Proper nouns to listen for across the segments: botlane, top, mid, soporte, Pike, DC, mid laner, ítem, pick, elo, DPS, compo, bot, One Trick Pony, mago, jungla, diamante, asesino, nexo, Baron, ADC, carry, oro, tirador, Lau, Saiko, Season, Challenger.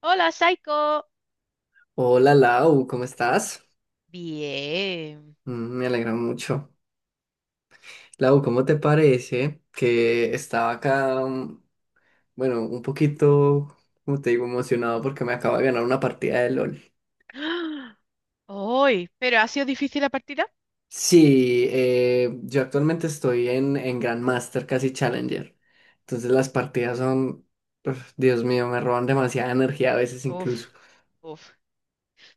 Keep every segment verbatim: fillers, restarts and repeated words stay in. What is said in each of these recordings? Hola, Saiko. Hola Lau, ¿cómo estás? Bien. Mm, me alegra mucho. Lau, ¿cómo te parece que estaba acá, mm, bueno, un poquito, como te digo, emocionado porque me acabo de ganar una partida de LOL? Hoy, pero ha sido difícil la partida. Sí, eh, yo actualmente estoy en, en Grandmaster, casi Challenger. Entonces las partidas son, uf, Dios mío, me roban demasiada energía a veces Uf, incluso. uf.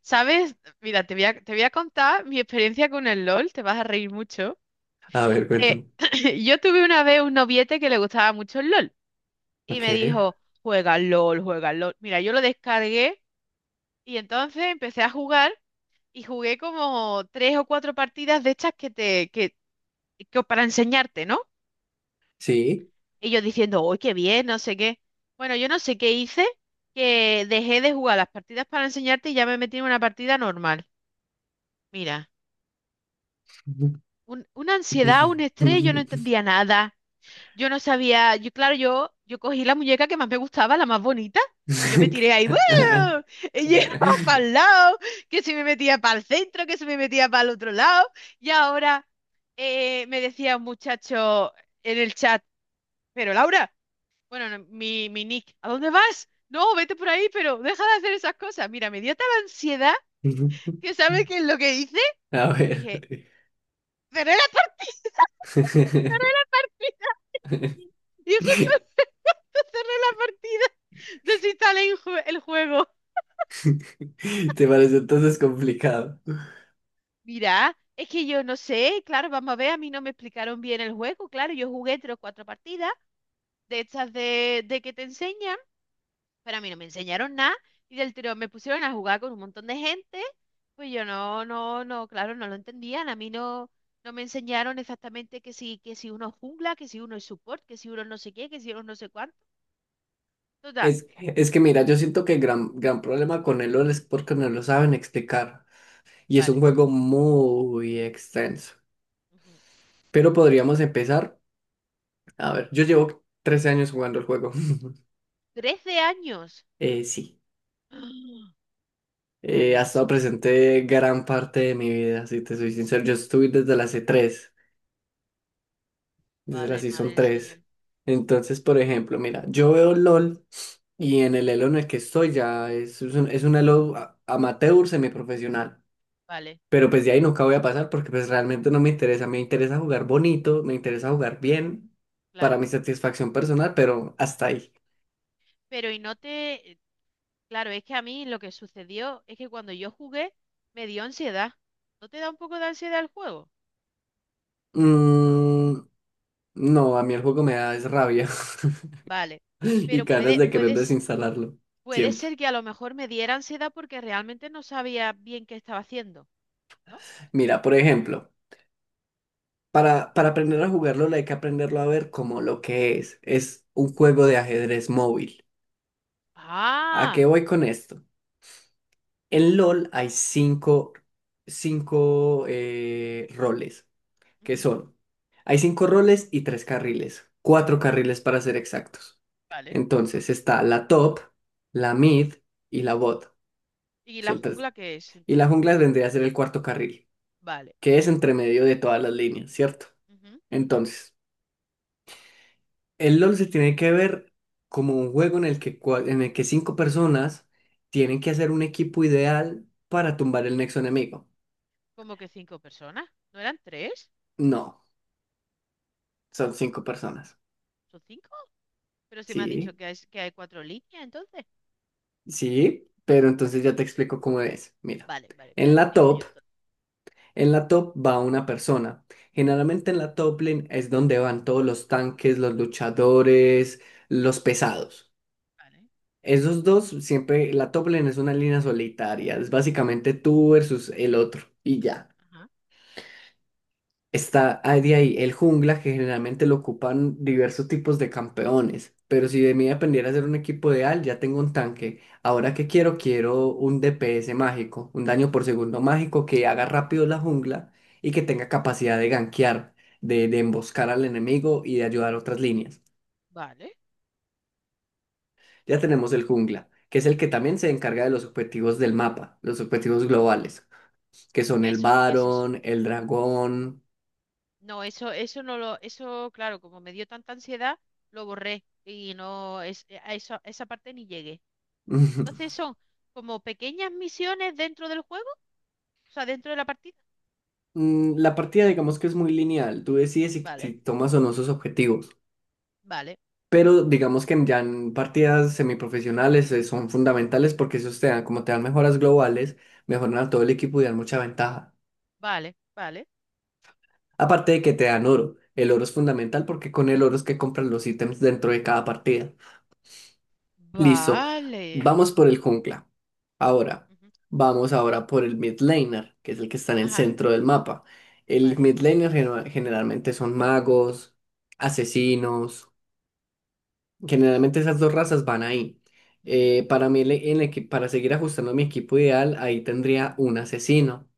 ¿Sabes? Mira, te voy a, te voy a contar mi experiencia con el LOL. Te vas a reír mucho. A ver, Eh, cuéntame. yo tuve una vez un noviete que le gustaba mucho el LOL y Ok, me dijo, juega al LOL, juega al LOL. Mira, yo lo descargué y entonces empecé a jugar y jugué como tres o cuatro partidas de estas que te, que, que para enseñarte, ¿no? sí. Y yo diciendo, uy, qué bien, no sé qué. Bueno, yo no sé qué hice, que dejé de jugar las partidas para enseñarte y ya me metí en una partida normal. Mira, un- una ansiedad, un estrés, yo no entendía nada. Yo no sabía, yo claro, yo, yo cogí la muñeca que más me gustaba, la más bonita, y yo me tiré ahí, ¡buah! y llegaba para el lado, que se me metía para el centro, que se me metía para el otro lado. Y ahora eh, me decía un muchacho en el chat, pero Laura. Bueno, no, mi, mi Nick, ¿a dónde vas? No, vete por ahí, pero deja de hacer esas cosas. Mira, me dio tal ansiedad que ¿sabes qué es lo que hice? A ver. Dije, cerré la partida. Y justo cerré la partida. Desinstalé el jue- el juego. ¿Te parece entonces complicado? Mira, es que yo no sé, claro, vamos a ver, a mí no me explicaron bien el juego, claro, yo jugué tres o cuatro partidas de estas de, de que te enseñan, pero a mí no me enseñaron nada y del tirón me pusieron a jugar con un montón de gente, pues yo no, no, no, claro, no lo entendían, a mí no, no me enseñaron exactamente que si, que si uno es jungla, que si uno es support, que si uno no sé qué, que si uno no sé cuánto, total, Es, es que mira, yo siento que el gran, gran problema con el LoL es porque no lo saben explicar. Y es vale. un juego muy extenso. Ujú. Pero podríamos empezar. A ver, yo llevo trece años jugando el juego. trece años. Eh, sí. Madre Eh, ha del estado Señor, presente gran parte de mi vida, si te soy sincero. Yo estuve desde la c tres. Desde la padre, madre Season del tres Señor, Entonces, por ejemplo, mira, yo veo LOL y en el elo en el que estoy ya es, es un, es un elo a- amateur semiprofesional. vale, Pero pues de ahí nunca voy a pasar porque pues realmente no me interesa. Me interesa jugar bonito, me interesa jugar bien para mi claro. satisfacción personal, pero hasta ahí. Pero y no te, eh, claro, es que a mí lo que sucedió es que cuando yo jugué me dio ansiedad. ¿No te da un poco de ansiedad el juego? Mm, no, a mí el juego me da es rabia Vale, y pero ganas puede, de querer puedes, desinstalarlo. puede Siempre. ser que a lo mejor me diera ansiedad porque realmente no sabía bien qué estaba haciendo, ¿no? Mira, por ejemplo. Para, para aprender a jugarlo hay que aprenderlo a ver como lo que es. Es un Ujú. juego de ajedrez móvil. ¿A Ah, qué voy con esto? En LOL hay cinco, cinco eh, roles, que ujú, son, hay cinco roles y tres carriles, cuatro carriles para ser exactos. vale. Entonces está la top, la mid y la bot. ¿Y la Son tres. jungla qué es Y la entonces? jungla vendría a ser el cuarto carril, Vale. que es entre medio de todas las líneas, ¿cierto? Ujú, ujú. Entonces... El LOL se tiene que ver como un juego en el que, cua- en el que cinco personas tienen que hacer un equipo ideal para tumbar el nexo enemigo. ¿Cómo que cinco personas? ¿No eran tres? No, son cinco personas. ¿Son cinco? Pero si me has dicho Sí, que hay, que hay cuatro líneas, entonces. sí, pero entonces ya te explico cómo es. Mira, Vale, vale, en espérate, la me top, callo todo. en la top va una persona. Generalmente en la top lane es donde van todos los tanques, los luchadores, los pesados. Vale. Esos dos siempre, la top lane es una línea solitaria, es básicamente tú versus el otro y ya. Ajá. Está ahí de ahí el jungla, que generalmente lo ocupan diversos tipos de campeones. Pero si de mí dependiera hacer un equipo ideal, ya tengo un tanque. Ahora que quiero, quiero un D P S mágico, un daño por segundo mágico que haga Ujú, rápido la jungla y que tenga capacidad de gankear, de, de emboscar al enemigo y de ayudar a otras líneas. vale. Ya tenemos el jungla, que es el que también se encarga de los objetivos del mapa, los objetivos globales, que son ¿Qué, el eso- qué es eso? Baron, el dragón. No, eso, eso no lo, eso, claro, como me dio tanta ansiedad, lo borré y no, es, eh, a eso, a esa parte ni llegué. Entonces son como pequeñas misiones dentro del juego, o sea, dentro de la partida. Mm, la partida digamos que es muy lineal, tú decides si, si Vale, tomas o no sus objetivos, vale, pero digamos que en- ya en partidas semiprofesionales eh, son fundamentales porque esos te dan, como te dan mejoras globales, mejoran a todo el equipo y dan mucha ventaja. vale, vale, Aparte de que te dan oro, el oro es fundamental porque con el oro es que compras los ítems dentro de cada partida. Listo. vale. Vamos por el jungla. Ahora, Ujú, vamos ahora por el mid laner, que es el que está en el ajá, centro del mapa. El vale. mid laner genu- generalmente son magos, asesinos. Generalmente esas dos razas van ahí. Ujú, Eh, para mí, el e- el equi- para seguir ajustando mi equipo ideal, ahí tendría un asesino,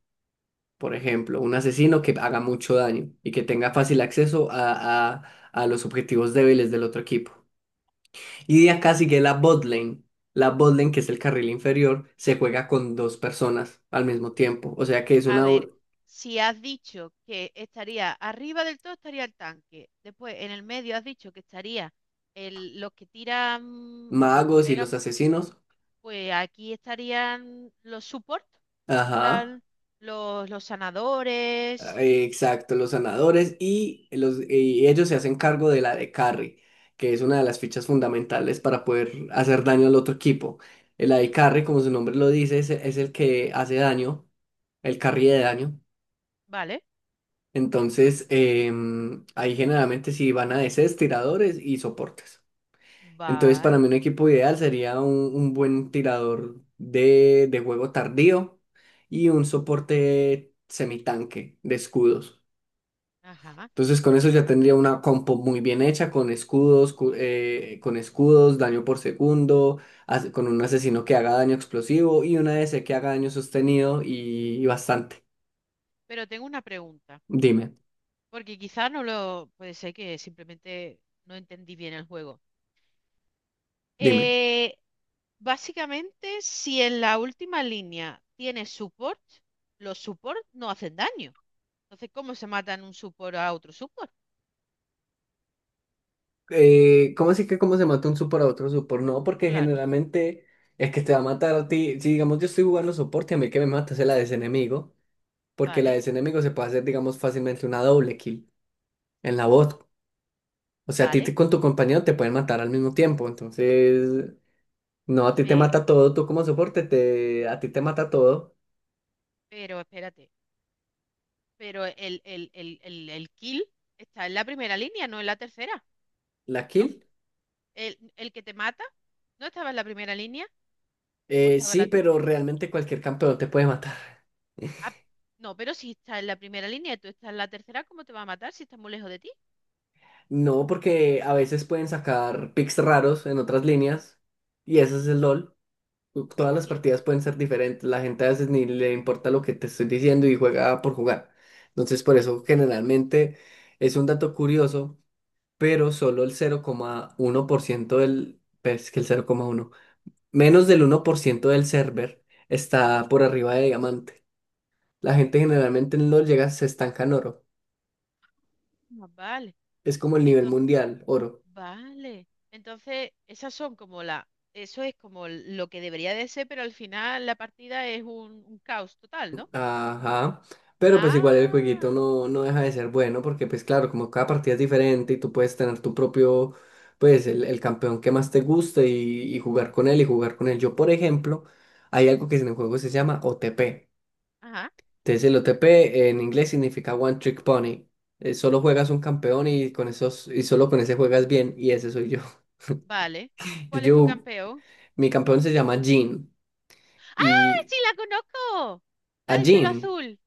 por ejemplo, un asesino que ujú, haga mucho daño y que tenga fácil vale. acceso a, a a los objetivos débiles del otro equipo. Y diría casi que la bot lane, la bot lane, que es el carril inferior, se juega con dos personas al mismo tiempo. O sea que es A una ver, u- si has dicho que estaría arriba del todo, estaría el tanque. Después, en el medio has dicho que estaría el, los que tiran, los que magos y los pegan. asesinos. Pues aquí estarían los support, en Ajá. plan los, los sanadores. eh, Exacto, los sanadores y, los, y ellos se hacen cargo de la de carry, que es una de las fichas fundamentales para poder hacer daño al otro equipo. El Ujú, de carry, como su nombre lo dice, es, es el que hace daño, el carry de daño. vale, Entonces, em, ahí generalmente sí van a D Cs, tiradores y soportes. Entonces, para vale. mí un equipo ideal sería un, un buen tirador de, de juego tardío y un soporte semitanque de escudos. Ajá. Entonces, con eso ya tendría una compo muy bien hecha, con escudos, cu- eh, con escudos, daño por segundo, as- con un asesino que haga daño explosivo y una D C que haga daño sostenido y, y bastante. Pero tengo una pregunta, Dime, porque quizá no lo... Puede ser que simplemente no entendí bien el juego. dime. Eh, básicamente, si en la última línea tienes support, los support no hacen daño. Entonces, ¿cómo se matan un support a otro support? Eh, ¿cómo así que cómo se mata un support a otro support? No, porque Claro, generalmente el que te va a matar a ti, si digamos yo estoy jugando soporte, a mí el que me mata es el A D C enemigo, porque el vale, A D C enemigo se puede hacer, digamos, fácilmente una doble kill en la bot. O sea, a ti vale. te- con tu compañero te pueden matar al mismo tiempo, entonces, no, a ti te pe- mata todo, tú como soporte, te, a ti te mata todo pero espérate. Pero el, el, el, el, el kill está en la primera línea, no en la tercera, la ¿no? kill. El, el que te mata no estaba en la primera línea o Eh, estaba en sí, la pero tercera. realmente cualquier campeón te puede matar. Ah, no, pero si está en la primera línea y tú estás en la tercera, ¿cómo te va a matar si está muy lejos de ti? No, porque a veces pueden sacar picks raros en otras líneas, y eso es el LOL. Todas ¿Cómo las que? partidas pueden ser diferentes. La gente a veces ni le importa lo que te estoy diciendo y juega por jugar. Entonces, por eso generalmente es un dato curioso, pero solo el cero coma uno por ciento del, pues que el cero coma uno, menos del uno por ciento del server está por arriba de diamante. La gente generalmente no llega, se estanca en oro. Ah, vale. Es como el nivel Entonces, mundial, oro. vale. Entonces, esas son como la, eso es como lo que debería de ser, pero al final la partida es un, un caos total, ¿no? Ajá. Pero pues igual el jueguito Ah, no, no deja de ser bueno porque pues claro, como cada partida es diferente y tú puedes tener tu propio, pues el, el campeón que más te guste y, y jugar con él y jugar con él. Yo, por ejemplo, hay algo que en el juego se llama O T P. ajá, Entonces el O T P en inglés significa One Trick Pony. Eh, solo juegas un campeón y con esos, y solo con ese juegas bien y ese soy yo. vale. Yo, ¿Cuál es tu yo, campeón? mi campeón se llama Jhin. Ah, Y sí, la conozco. a La del pelo Jin. azul.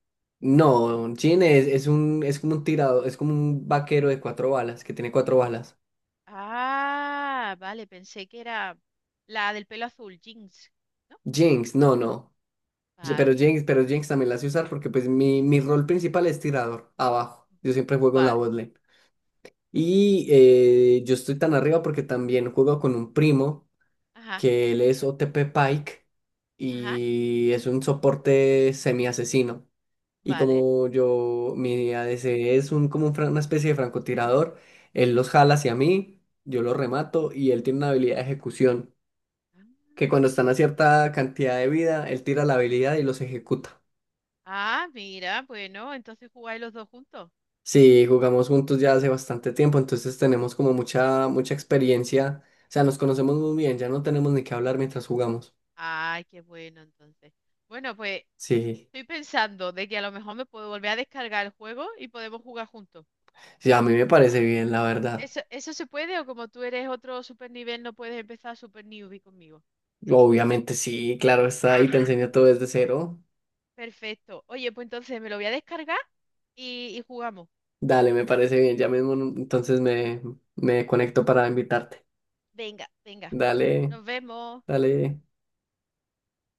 No, Jin es, es un, es como un tirado, es como un vaquero de cuatro balas, que tiene cuatro balas. Ah, vale, pensé que era la del pelo azul, Jinx. ¿No? Jinx, no, no. Ye- Vale, Pero Jinx, pero Jinx también la sé usar porque pues mi, mi rol principal es tirador, abajo. Yo siempre juego en la vale. botlane. Y eh, yo estoy tan arriba porque también juego con un primo Ajá, que él es O T P Pike ajá, y es un soporte semi-asesino. Y vale. como yo, mi A D C es un, como un fran- una especie de francotirador, él los jala hacia mí, yo los remato y él tiene una habilidad de ejecución, que cuando Ah, están a cierta cantidad de vida, él tira la habilidad y los ejecuta. ah, mira, bueno, entonces jugáis los dos juntos. Sí, jugamos juntos ya hace bastante tiempo, entonces tenemos como mucha, mucha experiencia, o sea, nos conocemos muy bien, ya no tenemos ni que hablar mientras jugamos. Ay, qué bueno, entonces. Bueno, pues Sí, estoy pensando de que a lo mejor me puedo volver a descargar el juego y podemos jugar juntos. sí, a mí me parece bien, la verdad. ¿Eso, eso se puede o como tú eres otro super nivel no puedes empezar super newbie conmigo? Obviamente sí, claro está, y te Ah. enseña todo desde cero. Perfecto. Oye, pues entonces me lo voy a descargar y, y jugamos. Dale, me parece bien. Ya mismo entonces me, me conecto para invitarte. Venga, venga. Dale, Nos vemos. dale.